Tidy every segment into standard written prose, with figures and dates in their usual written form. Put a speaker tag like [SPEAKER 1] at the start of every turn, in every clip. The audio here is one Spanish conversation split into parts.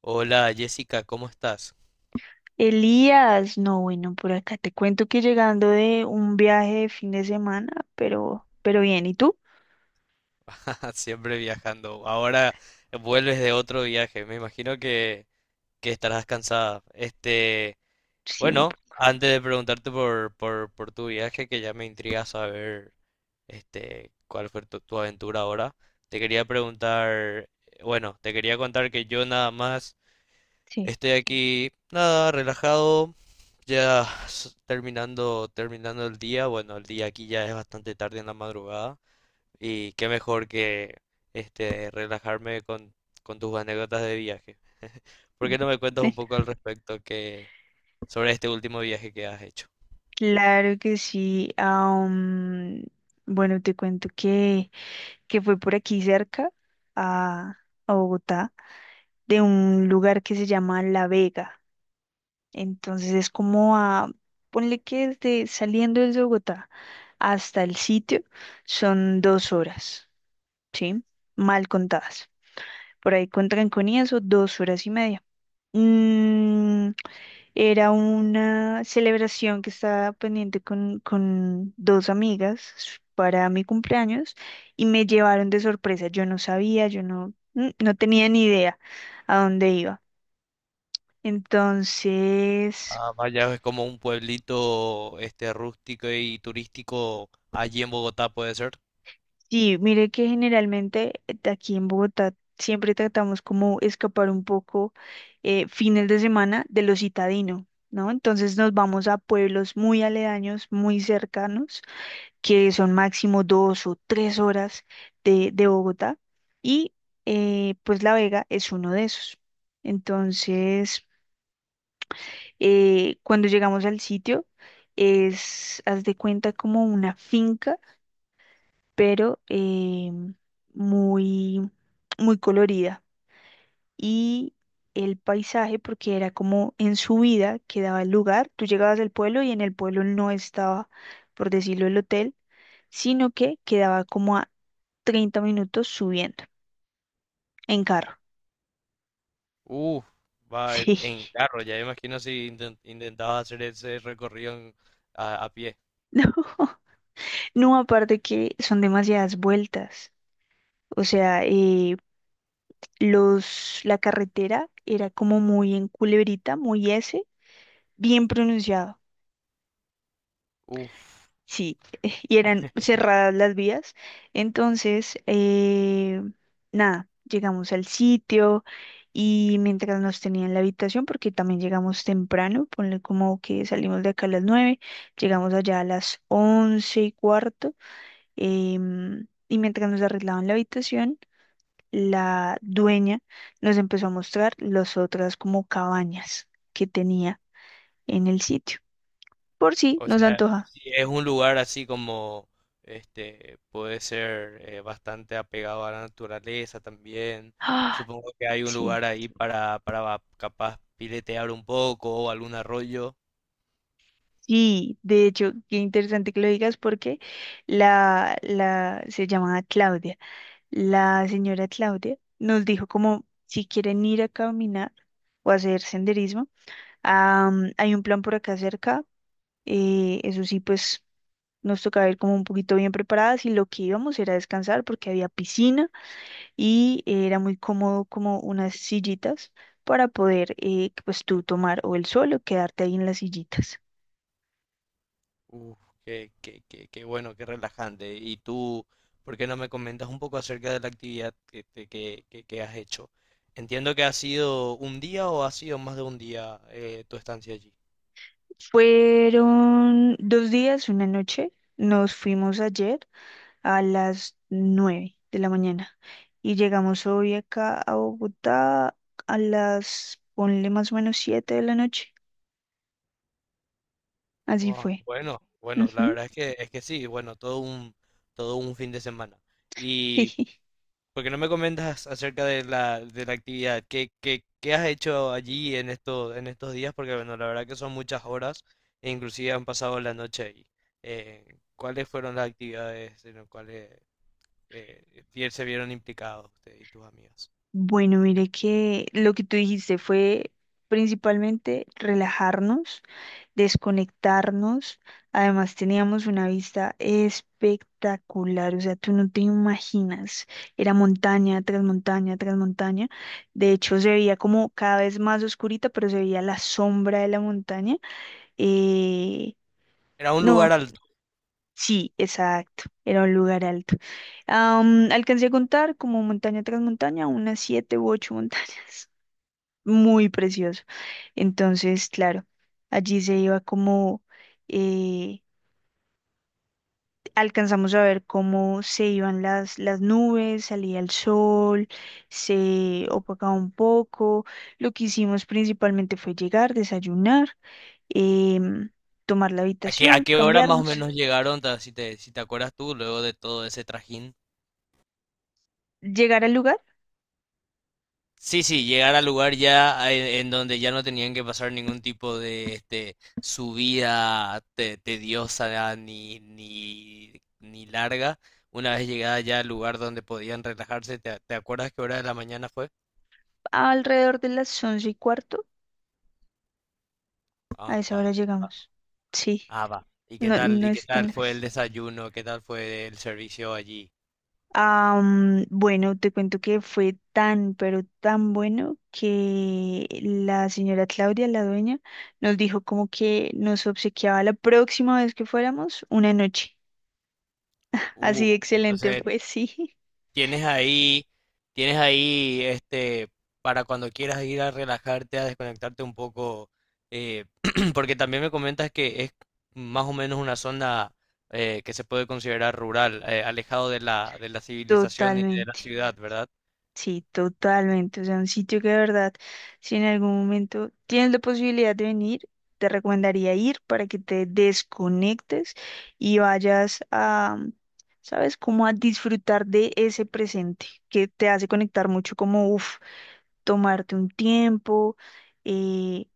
[SPEAKER 1] Hola Jessica, ¿cómo estás?
[SPEAKER 2] Elías, no, bueno, por acá te cuento que llegando de un viaje de fin de semana, pero bien, ¿y tú?
[SPEAKER 1] Siempre viajando. Ahora vuelves de otro viaje. Me imagino que estarás cansada.
[SPEAKER 2] Sí,
[SPEAKER 1] Bueno, antes de preguntarte por tu viaje, que ya me intriga saber cuál fue tu aventura ahora, te quería preguntar, bueno, te quería contar que yo nada más
[SPEAKER 2] sí.
[SPEAKER 1] estoy aquí, nada, relajado, terminando el día. Bueno, el día aquí ya es bastante tarde en la madrugada. Y qué mejor que relajarme con tus anécdotas de viaje. ¿Por
[SPEAKER 2] Mm.
[SPEAKER 1] qué no me cuentas un poco al respecto que sobre este último viaje que has hecho?
[SPEAKER 2] Claro que sí. Bueno, te cuento que fue por aquí cerca a, a Bogotá, de un lugar que se llama La Vega. Entonces es como ponle que desde saliendo desde Bogotá hasta el sitio son 2 horas, ¿sí? Mal contadas. Por ahí con trancón y eso, 2 horas y media. Mm, Era una celebración que estaba pendiente con dos amigas para mi cumpleaños y me llevaron de sorpresa. Yo no sabía, yo no, mm, no tenía ni idea a dónde iba. Entonces,
[SPEAKER 1] Ah, vaya, es como un pueblito rústico y turístico allí en Bogotá, ¿puede ser?
[SPEAKER 2] sí, mire que generalmente de aquí en Bogotá siempre tratamos como escapar un poco fines de semana de lo citadino, ¿no? Entonces nos vamos a pueblos muy aledaños, muy cercanos, que son máximo 2 o 3 horas de Bogotá y pues La Vega es uno de esos. Entonces, cuando llegamos al sitio, es, haz de cuenta como una finca, pero em, muy, muy colorida. Y el paisaje, porque era como en subida que daba el lugar, tú llegabas al pueblo y en el pueblo no estaba, por decirlo, el hotel, sino que quedaba como a 30 minutos subiendo en carro.
[SPEAKER 1] Uf, va en
[SPEAKER 2] Sí.
[SPEAKER 1] carro, ya imagino si intentabas hacer ese a pie.
[SPEAKER 2] No, no, aparte que son demasiadas vueltas. O sea, la carretera era como muy en culebrita, muy S, bien pronunciado.
[SPEAKER 1] Uf,
[SPEAKER 2] Sí, y eran cerradas las vías. Entonces, nada, llegamos al sitio y mientras nos tenían en la habitación, porque también llegamos temprano, ponle como que salimos de acá a las 9, llegamos allá a las 11:15, y mientras nos arreglaban la habitación, la dueña nos empezó a mostrar las otras como cabañas que tenía en el sitio, por si
[SPEAKER 1] o
[SPEAKER 2] nos
[SPEAKER 1] sea,
[SPEAKER 2] antoja.
[SPEAKER 1] sí, es un lugar así como, puede ser bastante apegado a la naturaleza también.
[SPEAKER 2] Ah,
[SPEAKER 1] Supongo que hay un lugar
[SPEAKER 2] sí.
[SPEAKER 1] ahí para capaz piletear un poco o algún arroyo.
[SPEAKER 2] Sí, de hecho, qué interesante que lo digas porque se llamaba Claudia. La señora Claudia nos dijo como si quieren ir a caminar o hacer senderismo, ah, hay un plan por acá cerca. Eso sí, pues nos tocaba ir como un poquito bien preparadas y lo que íbamos era descansar porque había piscina y era muy cómodo, como unas sillitas para poder pues tú tomar o el sol o quedarte ahí en las sillitas.
[SPEAKER 1] Uf, qué bueno, qué relajante. Y tú, ¿por qué no me comentas un poco acerca de la actividad que has hecho? Entiendo que ha sido un día o ha sido más de un día tu estancia allí.
[SPEAKER 2] Fueron 2 días, una noche. Nos fuimos ayer a las 9 de la mañana y llegamos hoy acá a Bogotá ponle más o menos 7 de la noche. Así
[SPEAKER 1] Ah,
[SPEAKER 2] fue.
[SPEAKER 1] bueno, la
[SPEAKER 2] Ujú,
[SPEAKER 1] verdad es que sí, bueno, todo un fin de semana. ¿Y
[SPEAKER 2] sí.
[SPEAKER 1] por qué no me comentas acerca de la actividad? ¿Qué has hecho allí en estos días? Porque bueno, la verdad que son muchas horas e inclusive han pasado la noche ahí. ¿Cuáles fueron las actividades en las cuales eh, se vieron implicados usted y tus amigos?
[SPEAKER 2] Bueno, mire que lo que tú dijiste fue principalmente relajarnos, desconectarnos. Además, teníamos una vista espectacular, o sea, tú no te imaginas. Era montaña tras montaña tras montaña. De hecho, se veía como cada vez más oscurita, pero se veía la sombra de la montaña. Eh,
[SPEAKER 1] Era un
[SPEAKER 2] no,
[SPEAKER 1] lugar alto.
[SPEAKER 2] sí, exacto. Era un lugar alto. Alcancé a contar como montaña tras montaña, unas 7 u 8 montañas. Muy precioso. Entonces, claro, allí se iba como eh, alcanzamos a ver cómo se iban las nubes, salía el sol, se opacaba un poco. Lo que hicimos principalmente fue llegar, desayunar, em, tomar la
[SPEAKER 1] ¿A qué a
[SPEAKER 2] habitación,
[SPEAKER 1] qué hora más o
[SPEAKER 2] cambiarnos,
[SPEAKER 1] menos llegaron, si te acuerdas tú, luego de todo ese trajín?
[SPEAKER 2] llegar al lugar
[SPEAKER 1] Sí, sí, llegar al lugar en donde ya no tenían que pasar ningún tipo de subida tediosa ni larga. Una vez llegada ya al lugar donde podían relajarse, ¿te acuerdas qué hora de la mañana fue?
[SPEAKER 2] alrededor de las 11:15. A
[SPEAKER 1] Ah,
[SPEAKER 2] esa
[SPEAKER 1] va,
[SPEAKER 2] hora
[SPEAKER 1] va.
[SPEAKER 2] llegamos. Sí,
[SPEAKER 1] Ah, va.
[SPEAKER 2] no, no
[SPEAKER 1] Y qué
[SPEAKER 2] es tan
[SPEAKER 1] tal fue el
[SPEAKER 2] lejos.
[SPEAKER 1] desayuno? ¿Qué tal fue el servicio allí?
[SPEAKER 2] Bueno, te cuento que fue tan, pero tan bueno que la señora Claudia, la dueña, nos dijo como que nos obsequiaba la próxima vez que fuéramos una noche. Así de excelente
[SPEAKER 1] Entonces
[SPEAKER 2] fue, sí,
[SPEAKER 1] Tienes ahí, tienes ahí, para cuando quieras ir a relajarte, a desconectarte un poco, eh, porque también me comentas que es más o menos una zona que se puede considerar rural, alejado de la civilización y de la
[SPEAKER 2] totalmente.
[SPEAKER 1] ciudad, ¿verdad?
[SPEAKER 2] Sí, totalmente. O sea, un sitio que de verdad, si en algún momento tienes la posibilidad de venir, te recomendaría ir para que te desconectes y vayas a, ¿sabes? Como a disfrutar de ese presente que te hace conectar mucho, como, uff, tomarte un tiempo. eh,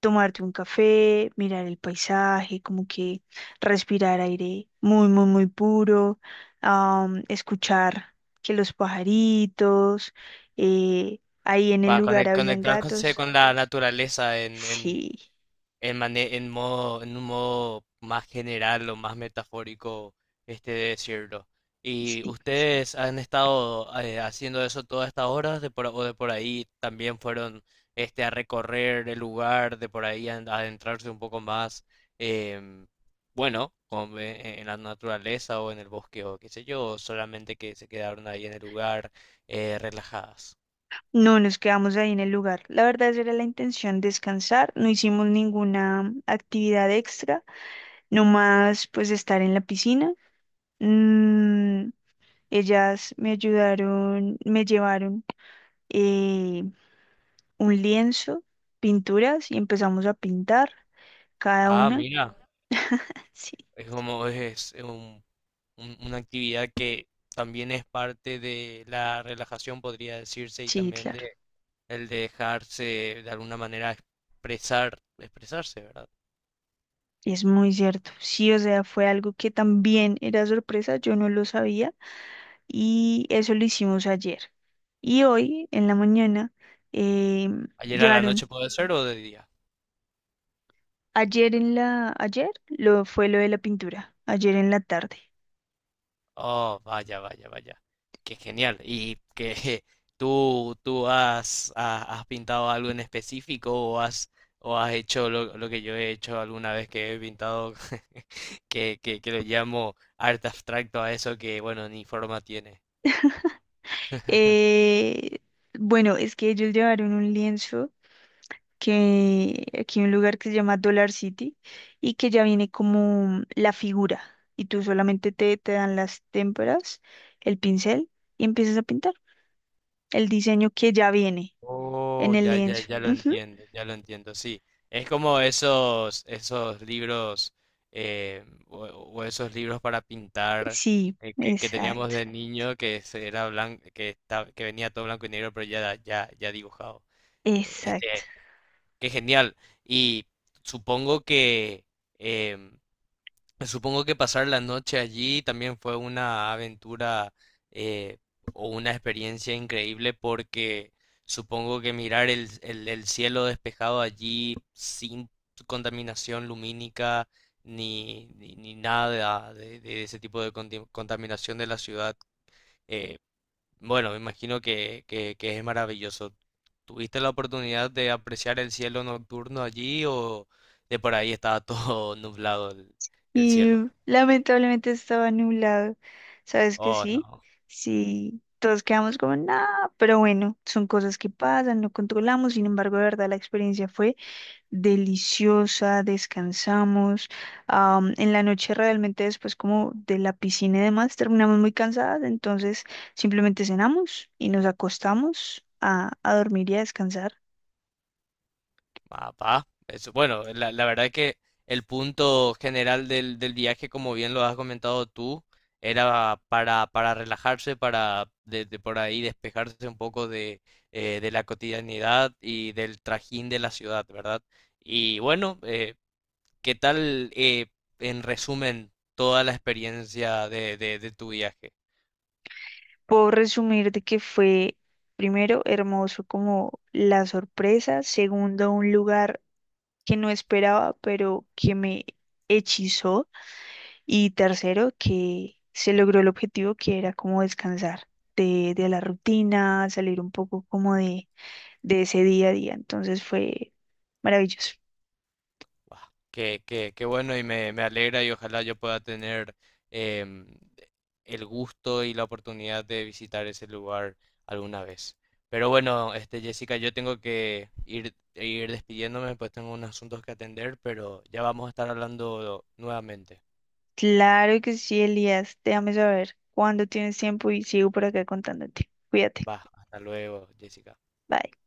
[SPEAKER 2] Tomarte un café, mirar el paisaje, como que respirar aire muy, muy, muy puro, escuchar que los pajaritos, ahí en el
[SPEAKER 1] Para
[SPEAKER 2] lugar habían
[SPEAKER 1] conectarse
[SPEAKER 2] gatos.
[SPEAKER 1] con la naturaleza
[SPEAKER 2] Sí,
[SPEAKER 1] en modo, en un modo más general o más metafórico, de decirlo. ¿Y
[SPEAKER 2] sí.
[SPEAKER 1] ustedes han estado haciendo eso todas estas horas de por, o de por ahí también fueron a recorrer el lugar, de por ahí a adentrarse un poco más, em, bueno, en la naturaleza o en el bosque o qué sé yo, o solamente que se quedaron ahí en el lugar relajadas?
[SPEAKER 2] No nos quedamos ahí en el lugar. La verdad, esa era la intención, descansar. No hicimos ninguna actividad extra, nomás pues estar en la piscina. Mm, Ellas me ayudaron, me llevaron eh, un lienzo, pinturas y empezamos a pintar cada
[SPEAKER 1] Ah,
[SPEAKER 2] una.
[SPEAKER 1] mira,
[SPEAKER 2] Sí,
[SPEAKER 1] es es una actividad que también es parte de la relajación, podría decirse, y
[SPEAKER 2] sí,
[SPEAKER 1] también
[SPEAKER 2] claro.
[SPEAKER 1] de el de dejarse de alguna manera expresar, expresarse, ¿verdad?
[SPEAKER 2] Es muy cierto. Sí, o sea, fue algo que también era sorpresa, yo no lo sabía, y eso lo hicimos ayer. Y hoy en la mañana eh,
[SPEAKER 1] Ayer a la
[SPEAKER 2] llevaron,
[SPEAKER 1] noche puede ser o de día.
[SPEAKER 2] ayer lo fue lo de la pintura, ayer en la tarde.
[SPEAKER 1] Oh, vaya. Qué genial. Y que tú, has pintado algo en específico o has hecho lo que yo he hecho alguna vez que he pintado, que lo llamo arte abstracto a eso que, bueno, ni forma tiene.
[SPEAKER 2] Eh, bueno, es que ellos llevaron un lienzo, que aquí hay un lugar que se llama Dollar City, y que ya viene como la figura y tú solamente te dan las témperas, el pincel y empiezas a pintar el diseño que ya viene en
[SPEAKER 1] Oh,
[SPEAKER 2] el
[SPEAKER 1] ya, ya,
[SPEAKER 2] lienzo.
[SPEAKER 1] ya lo
[SPEAKER 2] Ujú.
[SPEAKER 1] entiendo, ya lo entiendo, sí. Es como esos libros o esos libros para pintar
[SPEAKER 2] Sí,
[SPEAKER 1] que teníamos
[SPEAKER 2] exacto,
[SPEAKER 1] de niño era blanco, que venía todo blanco y negro, pero ya dibujado. Eh,
[SPEAKER 2] exacto.
[SPEAKER 1] Este, qué genial. Y supongo que em, supongo que pasar la noche allí también fue una aventura eh, o una experiencia increíble porque supongo que mirar el cielo despejado allí sin contaminación lumínica ni nada de, de ese tipo de contaminación de la ciudad, eh, bueno, me imagino que es maravilloso. ¿Tuviste la oportunidad de apreciar el cielo nocturno allí o de por ahí estaba todo nublado el
[SPEAKER 2] Y
[SPEAKER 1] cielo?
[SPEAKER 2] lamentablemente estaba nublado, ¿sabes que
[SPEAKER 1] Oh,
[SPEAKER 2] sí?
[SPEAKER 1] no,
[SPEAKER 2] Sí. Todos quedamos como, nada, pero bueno, son cosas que pasan, no controlamos. Sin embargo, de verdad, la experiencia fue deliciosa, descansamos. En la noche, realmente, después como de la piscina y demás terminamos muy cansadas, entonces simplemente cenamos y nos acostamos a dormir y a descansar.
[SPEAKER 1] papá. Eso, bueno, la verdad que el punto general del viaje, como bien lo has comentado tú, era para relajarse, para de por ahí despejarse un poco de la cotidianidad y del trajín de la ciudad, ¿verdad? Y bueno, ¿qué tal, en resumen, toda la experiencia de tu viaje?
[SPEAKER 2] Puedo resumir de que fue primero hermoso como la sorpresa, segundo un lugar que no esperaba, pero que me hechizó. Y tercero, que se logró el objetivo que era como descansar de la rutina, salir un poco como de ese día a día. Entonces fue maravilloso.
[SPEAKER 1] Guau, qué bueno y me alegra y ojalá yo pueda tener em, el gusto y la oportunidad de visitar ese lugar alguna vez. Pero bueno, Jessica, yo tengo que ir despidiéndome, pues tengo unos asuntos que atender, pero ya vamos a estar hablando nuevamente.
[SPEAKER 2] Claro que sí, Elías. Déjame saber cuándo tienes tiempo y sigo por acá contándote. Cuídate.
[SPEAKER 1] Va, hasta luego, Jessica.
[SPEAKER 2] Bye.